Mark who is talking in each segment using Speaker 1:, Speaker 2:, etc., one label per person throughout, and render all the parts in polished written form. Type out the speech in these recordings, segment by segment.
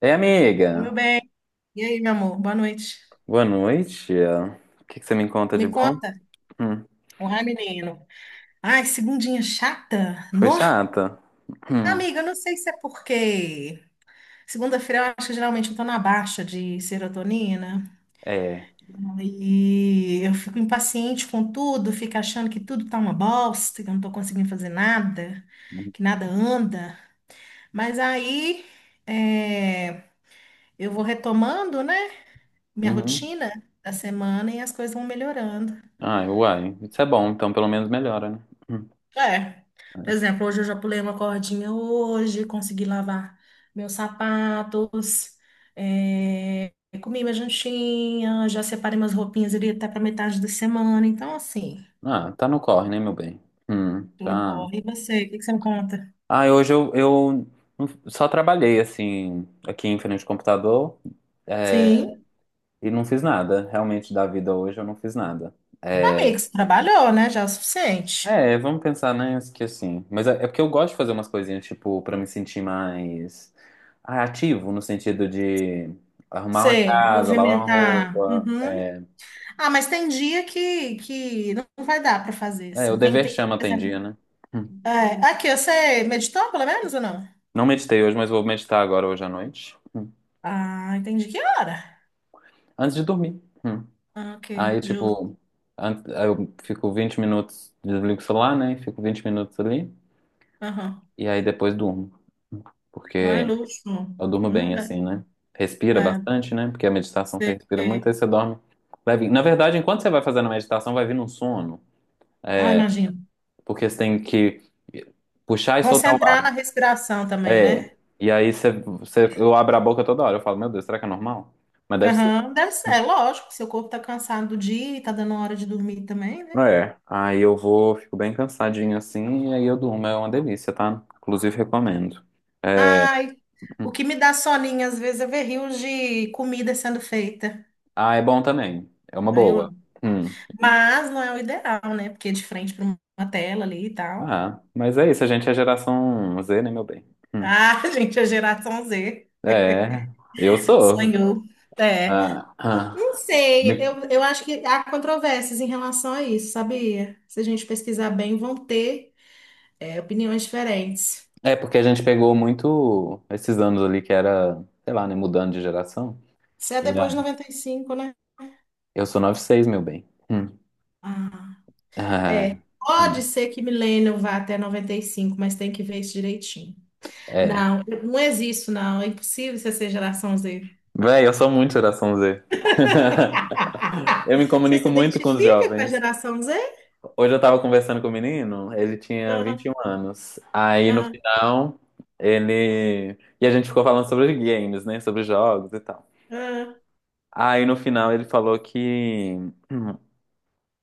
Speaker 1: Ei,
Speaker 2: Oi, meu
Speaker 1: amiga.
Speaker 2: bem. E aí, meu amor? Boa noite.
Speaker 1: Boa noite. O que que você me conta de
Speaker 2: Me
Speaker 1: bom?
Speaker 2: conta.
Speaker 1: Hum,
Speaker 2: Olá, menino. Ai, segundinha chata?
Speaker 1: Foi
Speaker 2: No?
Speaker 1: chata? Hum,
Speaker 2: Amiga, eu não sei se é porque segunda-feira eu acho que geralmente eu tô na baixa de serotonina
Speaker 1: é.
Speaker 2: e eu fico impaciente com tudo, fico achando que tudo tá uma bosta, que eu não tô conseguindo fazer nada,
Speaker 1: Uhum.
Speaker 2: que nada anda. Mas aí é, eu vou retomando, né, minha
Speaker 1: Uhum.
Speaker 2: rotina da semana e as coisas vão melhorando.
Speaker 1: Ai, uai. Isso é bom, então pelo menos melhora, né? Hum.
Speaker 2: É. Por exemplo, hoje eu já pulei uma cordinha hoje, consegui lavar meus sapatos, é, comi minha jantinha, já separei umas roupinhas ali até para metade da semana. Então, assim,
Speaker 1: Ah, tá no corre, né, meu bem?
Speaker 2: tudo
Speaker 1: Tá.
Speaker 2: corre. E você, o que que você me conta?
Speaker 1: Ah, hoje eu só trabalhei, assim, aqui em frente ao computador, é,
Speaker 2: Sim,
Speaker 1: e não fiz nada. Realmente, da vida hoje eu não fiz nada.
Speaker 2: amigo, você trabalhou, né? Já é o suficiente.
Speaker 1: É, vamos pensar, né, que assim. Mas é porque eu gosto de fazer umas coisinhas, tipo, pra me sentir mais ativo, no sentido de arrumar uma
Speaker 2: Sei,
Speaker 1: casa, lavar uma
Speaker 2: movimentar.
Speaker 1: roupa.
Speaker 2: Uhum. Ah, mas tem dia que não vai dar para fazer,
Speaker 1: É, o
Speaker 2: assim. Tem,
Speaker 1: dever
Speaker 2: tem...
Speaker 1: chama tem dia, né? Hum.
Speaker 2: É, aqui, você meditou pelo menos ou não?
Speaker 1: Não meditei hoje, mas vou meditar agora, hoje à noite. Hum.
Speaker 2: Ah, entendi. Que hora?
Speaker 1: Antes de dormir. Hum.
Speaker 2: Ah, ok,
Speaker 1: Aí,
Speaker 2: justo.
Speaker 1: tipo, aí eu fico 20 minutos, desligo o celular, né? Fico 20 minutos ali.
Speaker 2: Aham.
Speaker 1: E aí depois durmo.
Speaker 2: Ai,
Speaker 1: Porque
Speaker 2: luxo.
Speaker 1: eu durmo
Speaker 2: Não
Speaker 1: bem
Speaker 2: dá.
Speaker 1: assim, né? Respira
Speaker 2: É,
Speaker 1: bastante, né? Porque a meditação você
Speaker 2: você...
Speaker 1: respira muito, aí você dorme leve. Na verdade, enquanto você vai fazendo a meditação, vai vir um sono.
Speaker 2: Ah,
Speaker 1: É,
Speaker 2: imagino.
Speaker 1: porque você tem que puxar e soltar o
Speaker 2: Concentrar na
Speaker 1: ar.
Speaker 2: respiração também,
Speaker 1: É.
Speaker 2: né?
Speaker 1: E aí você, eu abro a boca toda hora. Eu falo, meu Deus, será que é normal? Mas deve ser.
Speaker 2: Aham, deve ser. É lógico, seu corpo tá cansado do dia e tá dando hora de dormir também, né?
Speaker 1: É. Aí eu vou, fico bem cansadinho assim, e aí eu durmo. É uma delícia, tá? Inclusive, recomendo. É.
Speaker 2: Ai, o que me dá soninho às vezes é ver rios de comida sendo feita.
Speaker 1: Ah, é bom também. É uma
Speaker 2: Aí eu
Speaker 1: boa.
Speaker 2: amo.
Speaker 1: Hum.
Speaker 2: Mas não é o ideal, né? Porque é de frente para uma tela ali e tal.
Speaker 1: Ah, mas é isso, a gente é geração Z, né, meu bem? Hum.
Speaker 2: Ah, gente, a geração Z
Speaker 1: É, eu sou.
Speaker 2: sonhou. É.
Speaker 1: Ah,
Speaker 2: Não
Speaker 1: ah.
Speaker 2: sei,
Speaker 1: Me-
Speaker 2: eu acho que há controvérsias em relação a isso, sabia? Se a gente pesquisar bem, vão ter opiniões diferentes.
Speaker 1: É porque a gente pegou muito esses anos ali que era, sei lá, né, mudando de geração.
Speaker 2: Se é
Speaker 1: E,
Speaker 2: depois de 95, né?
Speaker 1: eu sou 96, meu bem. Hum.
Speaker 2: Ah, é.
Speaker 1: Ah,
Speaker 2: Pode
Speaker 1: hum,
Speaker 2: ser que Millennium vá até 95, mas tem que ver isso direitinho.
Speaker 1: é.
Speaker 2: Não, não existe, não. É impossível você ser geração Z.
Speaker 1: Véi, eu sou muito geração Z. Eu me
Speaker 2: Você
Speaker 1: comunico
Speaker 2: se
Speaker 1: muito com os
Speaker 2: identifica com a
Speaker 1: jovens.
Speaker 2: geração Z?
Speaker 1: Hoje eu tava conversando com o menino, ele tinha vinte
Speaker 2: Ah,
Speaker 1: e um anos. Aí no
Speaker 2: ah,
Speaker 1: final, ele. E a gente ficou falando sobre games, né? Sobre jogos e tal.
Speaker 2: ah,
Speaker 1: Aí no final ele falou que. hum,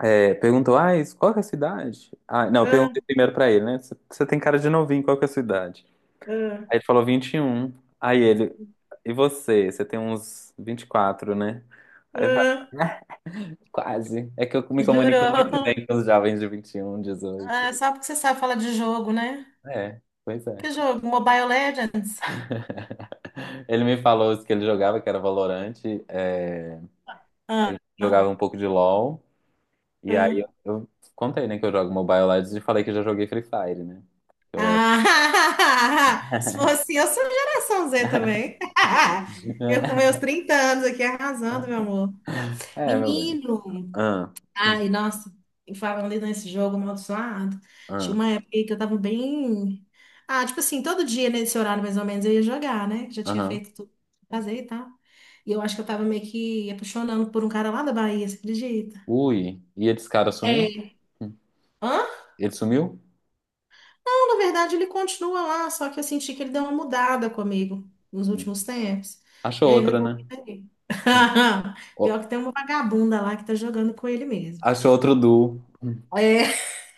Speaker 1: Perguntou, ah, qual que é a cidade? Ah, não, eu perguntei
Speaker 2: ah,
Speaker 1: primeiro pra ele, né? Você tem cara de novinho, qual que é a sua idade?
Speaker 2: ah,
Speaker 1: Aí ele falou 21. Aí ele, e você? Você tem uns 24, né? Aí eu falei,
Speaker 2: ah.
Speaker 1: "Ah, quase. É que eu me comunico muito
Speaker 2: Jurou.
Speaker 1: bem com os jovens de 21, 18.
Speaker 2: Ah, só porque você sabe falar de jogo, né?
Speaker 1: É, pois
Speaker 2: Que
Speaker 1: é."
Speaker 2: jogo? Mobile Legends?
Speaker 1: Ele me falou que ele jogava, que era Valorante.
Speaker 2: Ah,
Speaker 1: Ele jogava
Speaker 2: ah,
Speaker 1: um pouco de LoL. E aí
Speaker 2: ah.
Speaker 1: eu contei, né, que eu jogo Mobile Legends e falei que eu já joguei Free Fire, né? Eu era-
Speaker 2: Ah, se fosse eu, sou geração Z também. Eu com meus 30 anos aqui arrasando, meu amor.
Speaker 1: É, meu bem.
Speaker 2: Menino!
Speaker 1: Ah, hum,
Speaker 2: Ai, nossa, e falando ali nesse jogo amaldiçoado, tinha
Speaker 1: ah,
Speaker 2: uma época aí que eu tava bem. Ah, tipo assim, todo dia nesse horário mais ou menos eu ia jogar, né? Já tinha
Speaker 1: aham.
Speaker 2: feito tudo, pra fazer e tal. E eu acho que eu tava meio que apaixonando por um cara lá da Bahia, você acredita?
Speaker 1: Ui, e esse cara sumiu?
Speaker 2: É.
Speaker 1: Hum,
Speaker 2: Hã?
Speaker 1: Ele sumiu?
Speaker 2: Não, na verdade, ele continua lá, só que eu senti que ele deu uma mudada comigo nos
Speaker 1: Hum.
Speaker 2: últimos tempos. E
Speaker 1: Achou
Speaker 2: aí eu
Speaker 1: outra, né?
Speaker 2: resolvi sair. Pior
Speaker 1: Ó,
Speaker 2: que tem uma vagabunda lá que tá jogando com ele mesmo.
Speaker 1: achou outro duo. Hum.
Speaker 2: É.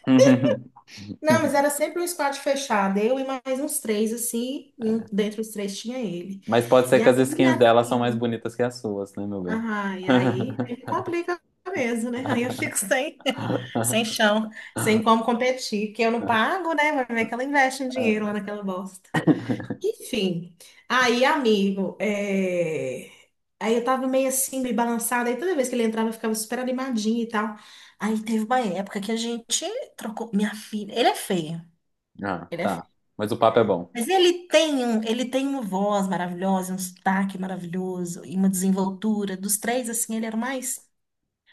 Speaker 2: Não, mas era sempre um squad fechado, eu e mais uns três, assim, e um- dentre os três tinha ele.
Speaker 1: Mas pode ser
Speaker 2: E
Speaker 1: que
Speaker 2: aí,
Speaker 1: as skins
Speaker 2: minha
Speaker 1: dela são mais
Speaker 2: filha,
Speaker 1: bonitas que as suas, né, meu bem?
Speaker 2: ah, e aí complica mesmo, né? Aí eu fico sem, sem chão, sem como competir, que eu não pago, né? Vai ver que ela investe um dinheiro lá naquela bosta. Enfim, aí, amigo, aí eu tava meio assim, meio balançada, aí toda vez que ele entrava eu ficava super animadinha e tal. Aí teve uma época que a gente trocou, minha filha, ele é feio,
Speaker 1: Ah,
Speaker 2: ele é
Speaker 1: tá.
Speaker 2: feio.
Speaker 1: Mas o papo é bom.
Speaker 2: Mas ele tem uma voz maravilhosa, um sotaque maravilhoso e uma desenvoltura. Dos três, assim, ele era o mais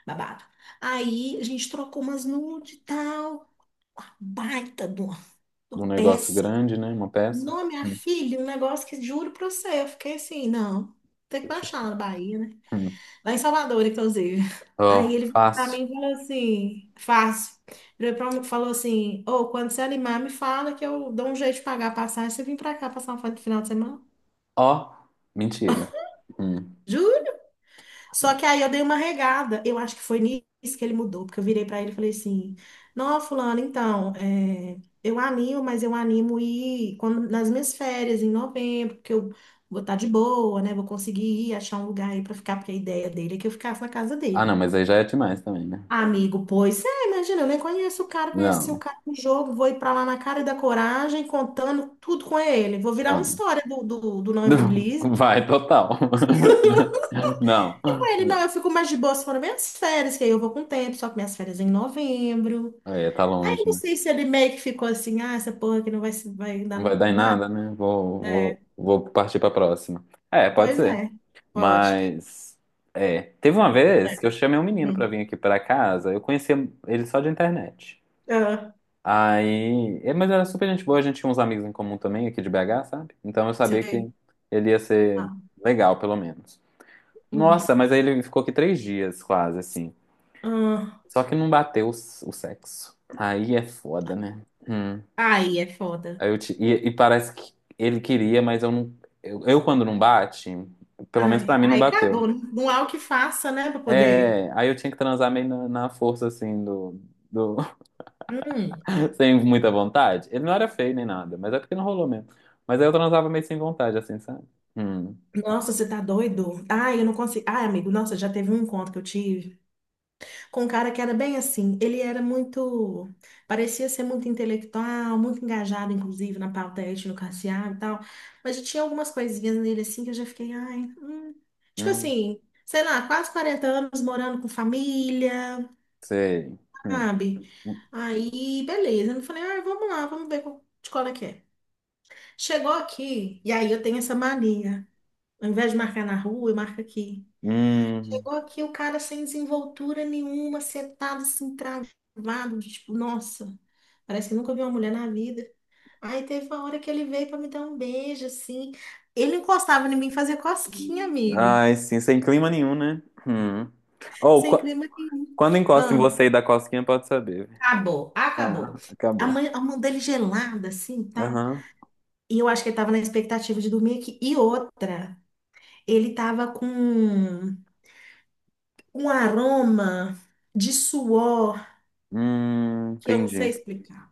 Speaker 2: babado. Aí a gente trocou umas nude e tal, uma baita de uma
Speaker 1: Um negócio
Speaker 2: peça.
Speaker 1: grande, né? Uma peça.
Speaker 2: Não, minha
Speaker 1: Hum.
Speaker 2: filha, um negócio que juro pra você, eu fiquei assim, não, tem que baixar lá na Bahia, né?
Speaker 1: Hum.
Speaker 2: Lá em Salvador, inclusive. Aí
Speaker 1: Ó,
Speaker 2: ele virou pra
Speaker 1: fácil.
Speaker 2: mim falou assim, fácil. Ele pra mim e falou assim, ô, quando você animar, me fala que eu dou um jeito de pagar a passagem, você vem pra cá passar um final de semana?
Speaker 1: Ó, mentira. Hum.
Speaker 2: Juro? Só que aí eu dei uma regada. Eu acho que foi nisso que ele mudou, porque eu virei pra ele e falei assim: Não, fulano, então, eu animo, mas eu animo ir quando, nas minhas férias, em novembro, porque eu vou estar de boa, né? Vou conseguir ir achar um lugar aí pra ficar, porque a ideia dele é que eu ficasse na casa
Speaker 1: Ah, não,
Speaker 2: dele.
Speaker 1: mas aí já é demais também, né?
Speaker 2: Amigo, pois é, imagina, eu nem conheço o cara, conheci o
Speaker 1: Não,
Speaker 2: cara no jogo, vou ir pra lá na cara da coragem, contando tudo com ele. Vou virar uma
Speaker 1: não.
Speaker 2: história do Não.
Speaker 1: Vai, total. Não.
Speaker 2: E com ele, não, eu fico mais de boa se for nas minhas férias, que aí eu vou com o tempo, só que minhas férias é em novembro.
Speaker 1: É, tá
Speaker 2: Aí eu
Speaker 1: longe,
Speaker 2: não
Speaker 1: né?
Speaker 2: sei se ele meio que ficou assim, ah, essa porra aqui não vai, se- vai dar
Speaker 1: Não vai dar em
Speaker 2: nada.
Speaker 1: nada, né? Vou, vou,
Speaker 2: É,
Speaker 1: vou partir pra próxima. É, pode
Speaker 2: pois
Speaker 1: ser.
Speaker 2: é, pode.
Speaker 1: Mas, é. Teve uma vez
Speaker 2: É.
Speaker 1: que eu chamei um menino pra
Speaker 2: Hum.
Speaker 1: vir aqui pra casa. Eu conhecia ele só de internet.
Speaker 2: Ah,
Speaker 1: Aí, mas era super gente boa, a gente tinha uns amigos em comum também aqui de BH, sabe? Então eu sabia que
Speaker 2: sei.
Speaker 1: ele ia ser
Speaker 2: Ah,
Speaker 1: legal, pelo menos.
Speaker 2: hum.
Speaker 1: Nossa, mas aí ele ficou aqui 3 dias, quase, assim.
Speaker 2: Ah,
Speaker 1: Só que não bateu o sexo. Aí é foda, né? Hum.
Speaker 2: ai, é foda.
Speaker 1: Aí eu e parece que ele queria, mas eu não. Eu, quando não bate, pelo menos pra
Speaker 2: Ai,
Speaker 1: mim não
Speaker 2: ai,
Speaker 1: bateu.
Speaker 2: cagou, né? Não há o que faça, né, pra poder.
Speaker 1: É, aí eu tinha que transar meio na força, assim, do,
Speaker 2: Hum,
Speaker 1: sem muita vontade. Ele não era feio nem nada, mas é porque não rolou mesmo. Mas aí eu transava meio sem vontade, assim, sabe? Hum,
Speaker 2: nossa, você tá doido? Ai, eu não consigo. Ai, amigo, nossa, já teve um encontro que eu tive com um cara que era bem assim. Ele era muito, parecia ser muito intelectual, muito engajado, inclusive, na pauta étnico-racial e tal. Mas já tinha algumas coisinhas nele assim que eu já fiquei, ai. Tipo
Speaker 1: hum,
Speaker 2: assim, sei lá, quase 40 anos morando com família,
Speaker 1: sei. Hum,
Speaker 2: sabe? Aí, beleza. Eu falei, ai, vamos lá, vamos ver qual- de qual é que é. Chegou aqui, e aí eu tenho essa mania. Ao invés de marcar na rua, eu marco aqui.
Speaker 1: hum.
Speaker 2: Chegou aqui o cara sem desenvoltura nenhuma, setado, assim, travado, tipo, nossa, parece que nunca vi uma mulher na vida. Aí teve uma hora que ele veio pra me dar um beijo, assim. Ele encostava em mim fazer cosquinha, amigo.
Speaker 1: Ai, sim, sem clima nenhum, né? Hum. Ou
Speaker 2: Sem clima nenhum.
Speaker 1: quando encosta em
Speaker 2: Ah,
Speaker 1: você e dá cosquinha, pode saber.
Speaker 2: acabou, acabou.
Speaker 1: Ah,
Speaker 2: A
Speaker 1: acabou.
Speaker 2: mãe, a mão dele gelada, assim, tá?
Speaker 1: Aham.
Speaker 2: E eu acho que ele tava na expectativa de dormir aqui. E outra, ele tava com um aroma de suor que eu não sei
Speaker 1: Entendi.
Speaker 2: explicar.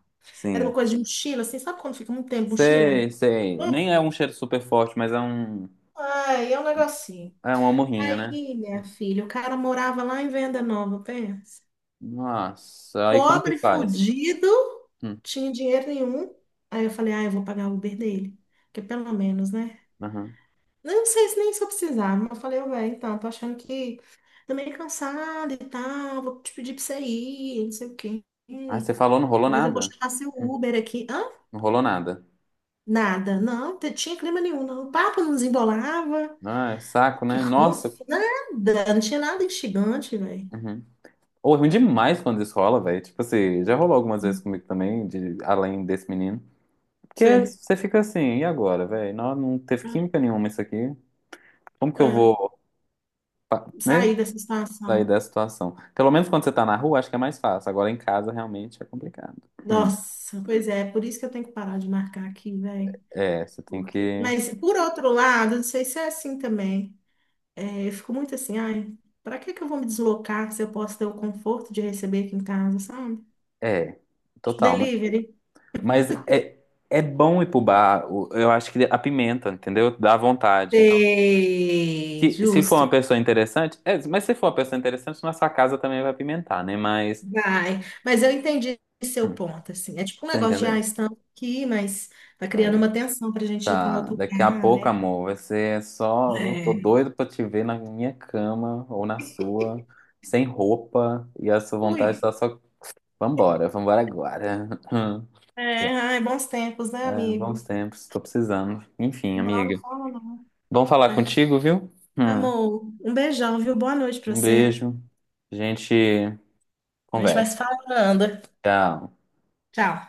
Speaker 2: Era
Speaker 1: Sim.
Speaker 2: uma coisa de mochila, assim, sabe quando fica muito tempo mochila?
Speaker 1: Sei, sei.
Speaker 2: Hum.
Speaker 1: Nem é um cheiro super forte, mas é um.
Speaker 2: Ai, é um negocinho.
Speaker 1: É uma morrinha, né?
Speaker 2: Aí, minha filha, o cara morava lá em Venda Nova, pensa.
Speaker 1: Nossa, aí como que
Speaker 2: Pobre,
Speaker 1: faz?
Speaker 2: fudido.
Speaker 1: Hum,
Speaker 2: Tinha dinheiro nenhum. Aí eu falei, ah, eu vou pagar o Uber dele. Porque pelo menos, né?
Speaker 1: aham.
Speaker 2: Não sei se nem se eu precisava, mas eu falei, ô, velho, então, tô achando que tô meio cansada e tal, vou te pedir pra você ir, não sei o quê.
Speaker 1: Ah, você falou, não rolou
Speaker 2: Mas eu vou
Speaker 1: nada?
Speaker 2: chamar seu
Speaker 1: Hum.
Speaker 2: Uber aqui. Hã?
Speaker 1: Não rolou nada.
Speaker 2: Nada, não, t- tinha clima nenhum, não. O papo não desembolava.
Speaker 1: Ah, é saco,
Speaker 2: Que
Speaker 1: né? Nossa.
Speaker 2: ranço? Nada, não tinha nada instigante, velho.
Speaker 1: Uhum. Ou é ruim demais quando isso rola, velho. Tipo assim, já rolou algumas vezes comigo também, de, além desse menino. Porque
Speaker 2: Sei.
Speaker 1: você fica assim, e agora, velho? Não, não teve química nenhuma isso aqui. Como que
Speaker 2: É,
Speaker 1: eu
Speaker 2: é.
Speaker 1: vou, né,
Speaker 2: Sair dessa
Speaker 1: sair
Speaker 2: situação.
Speaker 1: dessa situação? Pelo menos quando você tá na rua, acho que é mais fácil. Agora em casa, realmente, é complicado. Hum,
Speaker 2: Nossa, pois é, por isso que eu tenho que parar de marcar aqui, velho.
Speaker 1: É, você tem
Speaker 2: Porque...
Speaker 1: que.
Speaker 2: Mas, por outro lado, não sei se é assim também. É, eu fico muito assim, ai, pra que que eu vou me deslocar se eu posso ter o conforto de receber aqui em casa, sabe?
Speaker 1: É, total.
Speaker 2: Delivery.
Speaker 1: Mas é bom ir pro bar. Eu acho que apimenta, entendeu? Dá vontade.
Speaker 2: Sei,
Speaker 1: Se for uma
Speaker 2: justo.
Speaker 1: pessoa interessante, é, mas se for uma pessoa interessante, nossa casa também vai pimentar, né? Mas,
Speaker 2: Vai, mas eu entendi seu
Speaker 1: hum,
Speaker 2: ponto, assim. É tipo um
Speaker 1: você
Speaker 2: negócio de, ah,
Speaker 1: entendeu?
Speaker 2: estamos aqui, mas tá criando
Speaker 1: É,
Speaker 2: uma tensão pra gente ir para um
Speaker 1: tá.
Speaker 2: outro
Speaker 1: Daqui a
Speaker 2: lugar,
Speaker 1: pouco,
Speaker 2: né?
Speaker 1: amor, vai ser só. Eu tô
Speaker 2: É.
Speaker 1: doido pra te ver na minha cama ou na sua, sem roupa, e a sua vontade
Speaker 2: Ui.
Speaker 1: tá só. Vambora, vambora agora.
Speaker 2: É, ai, bons tempos, né,
Speaker 1: É,
Speaker 2: amigo?
Speaker 1: bons tempos, tô precisando. Enfim,
Speaker 2: Não, não
Speaker 1: amiga.
Speaker 2: fala não.
Speaker 1: Bom falar
Speaker 2: É.
Speaker 1: contigo, viu?
Speaker 2: Amor, um beijão, viu? Boa noite pra
Speaker 1: Um
Speaker 2: você.
Speaker 1: beijo. A gente
Speaker 2: A gente vai se
Speaker 1: conversa.
Speaker 2: falando.
Speaker 1: Tchau.
Speaker 2: Tchau.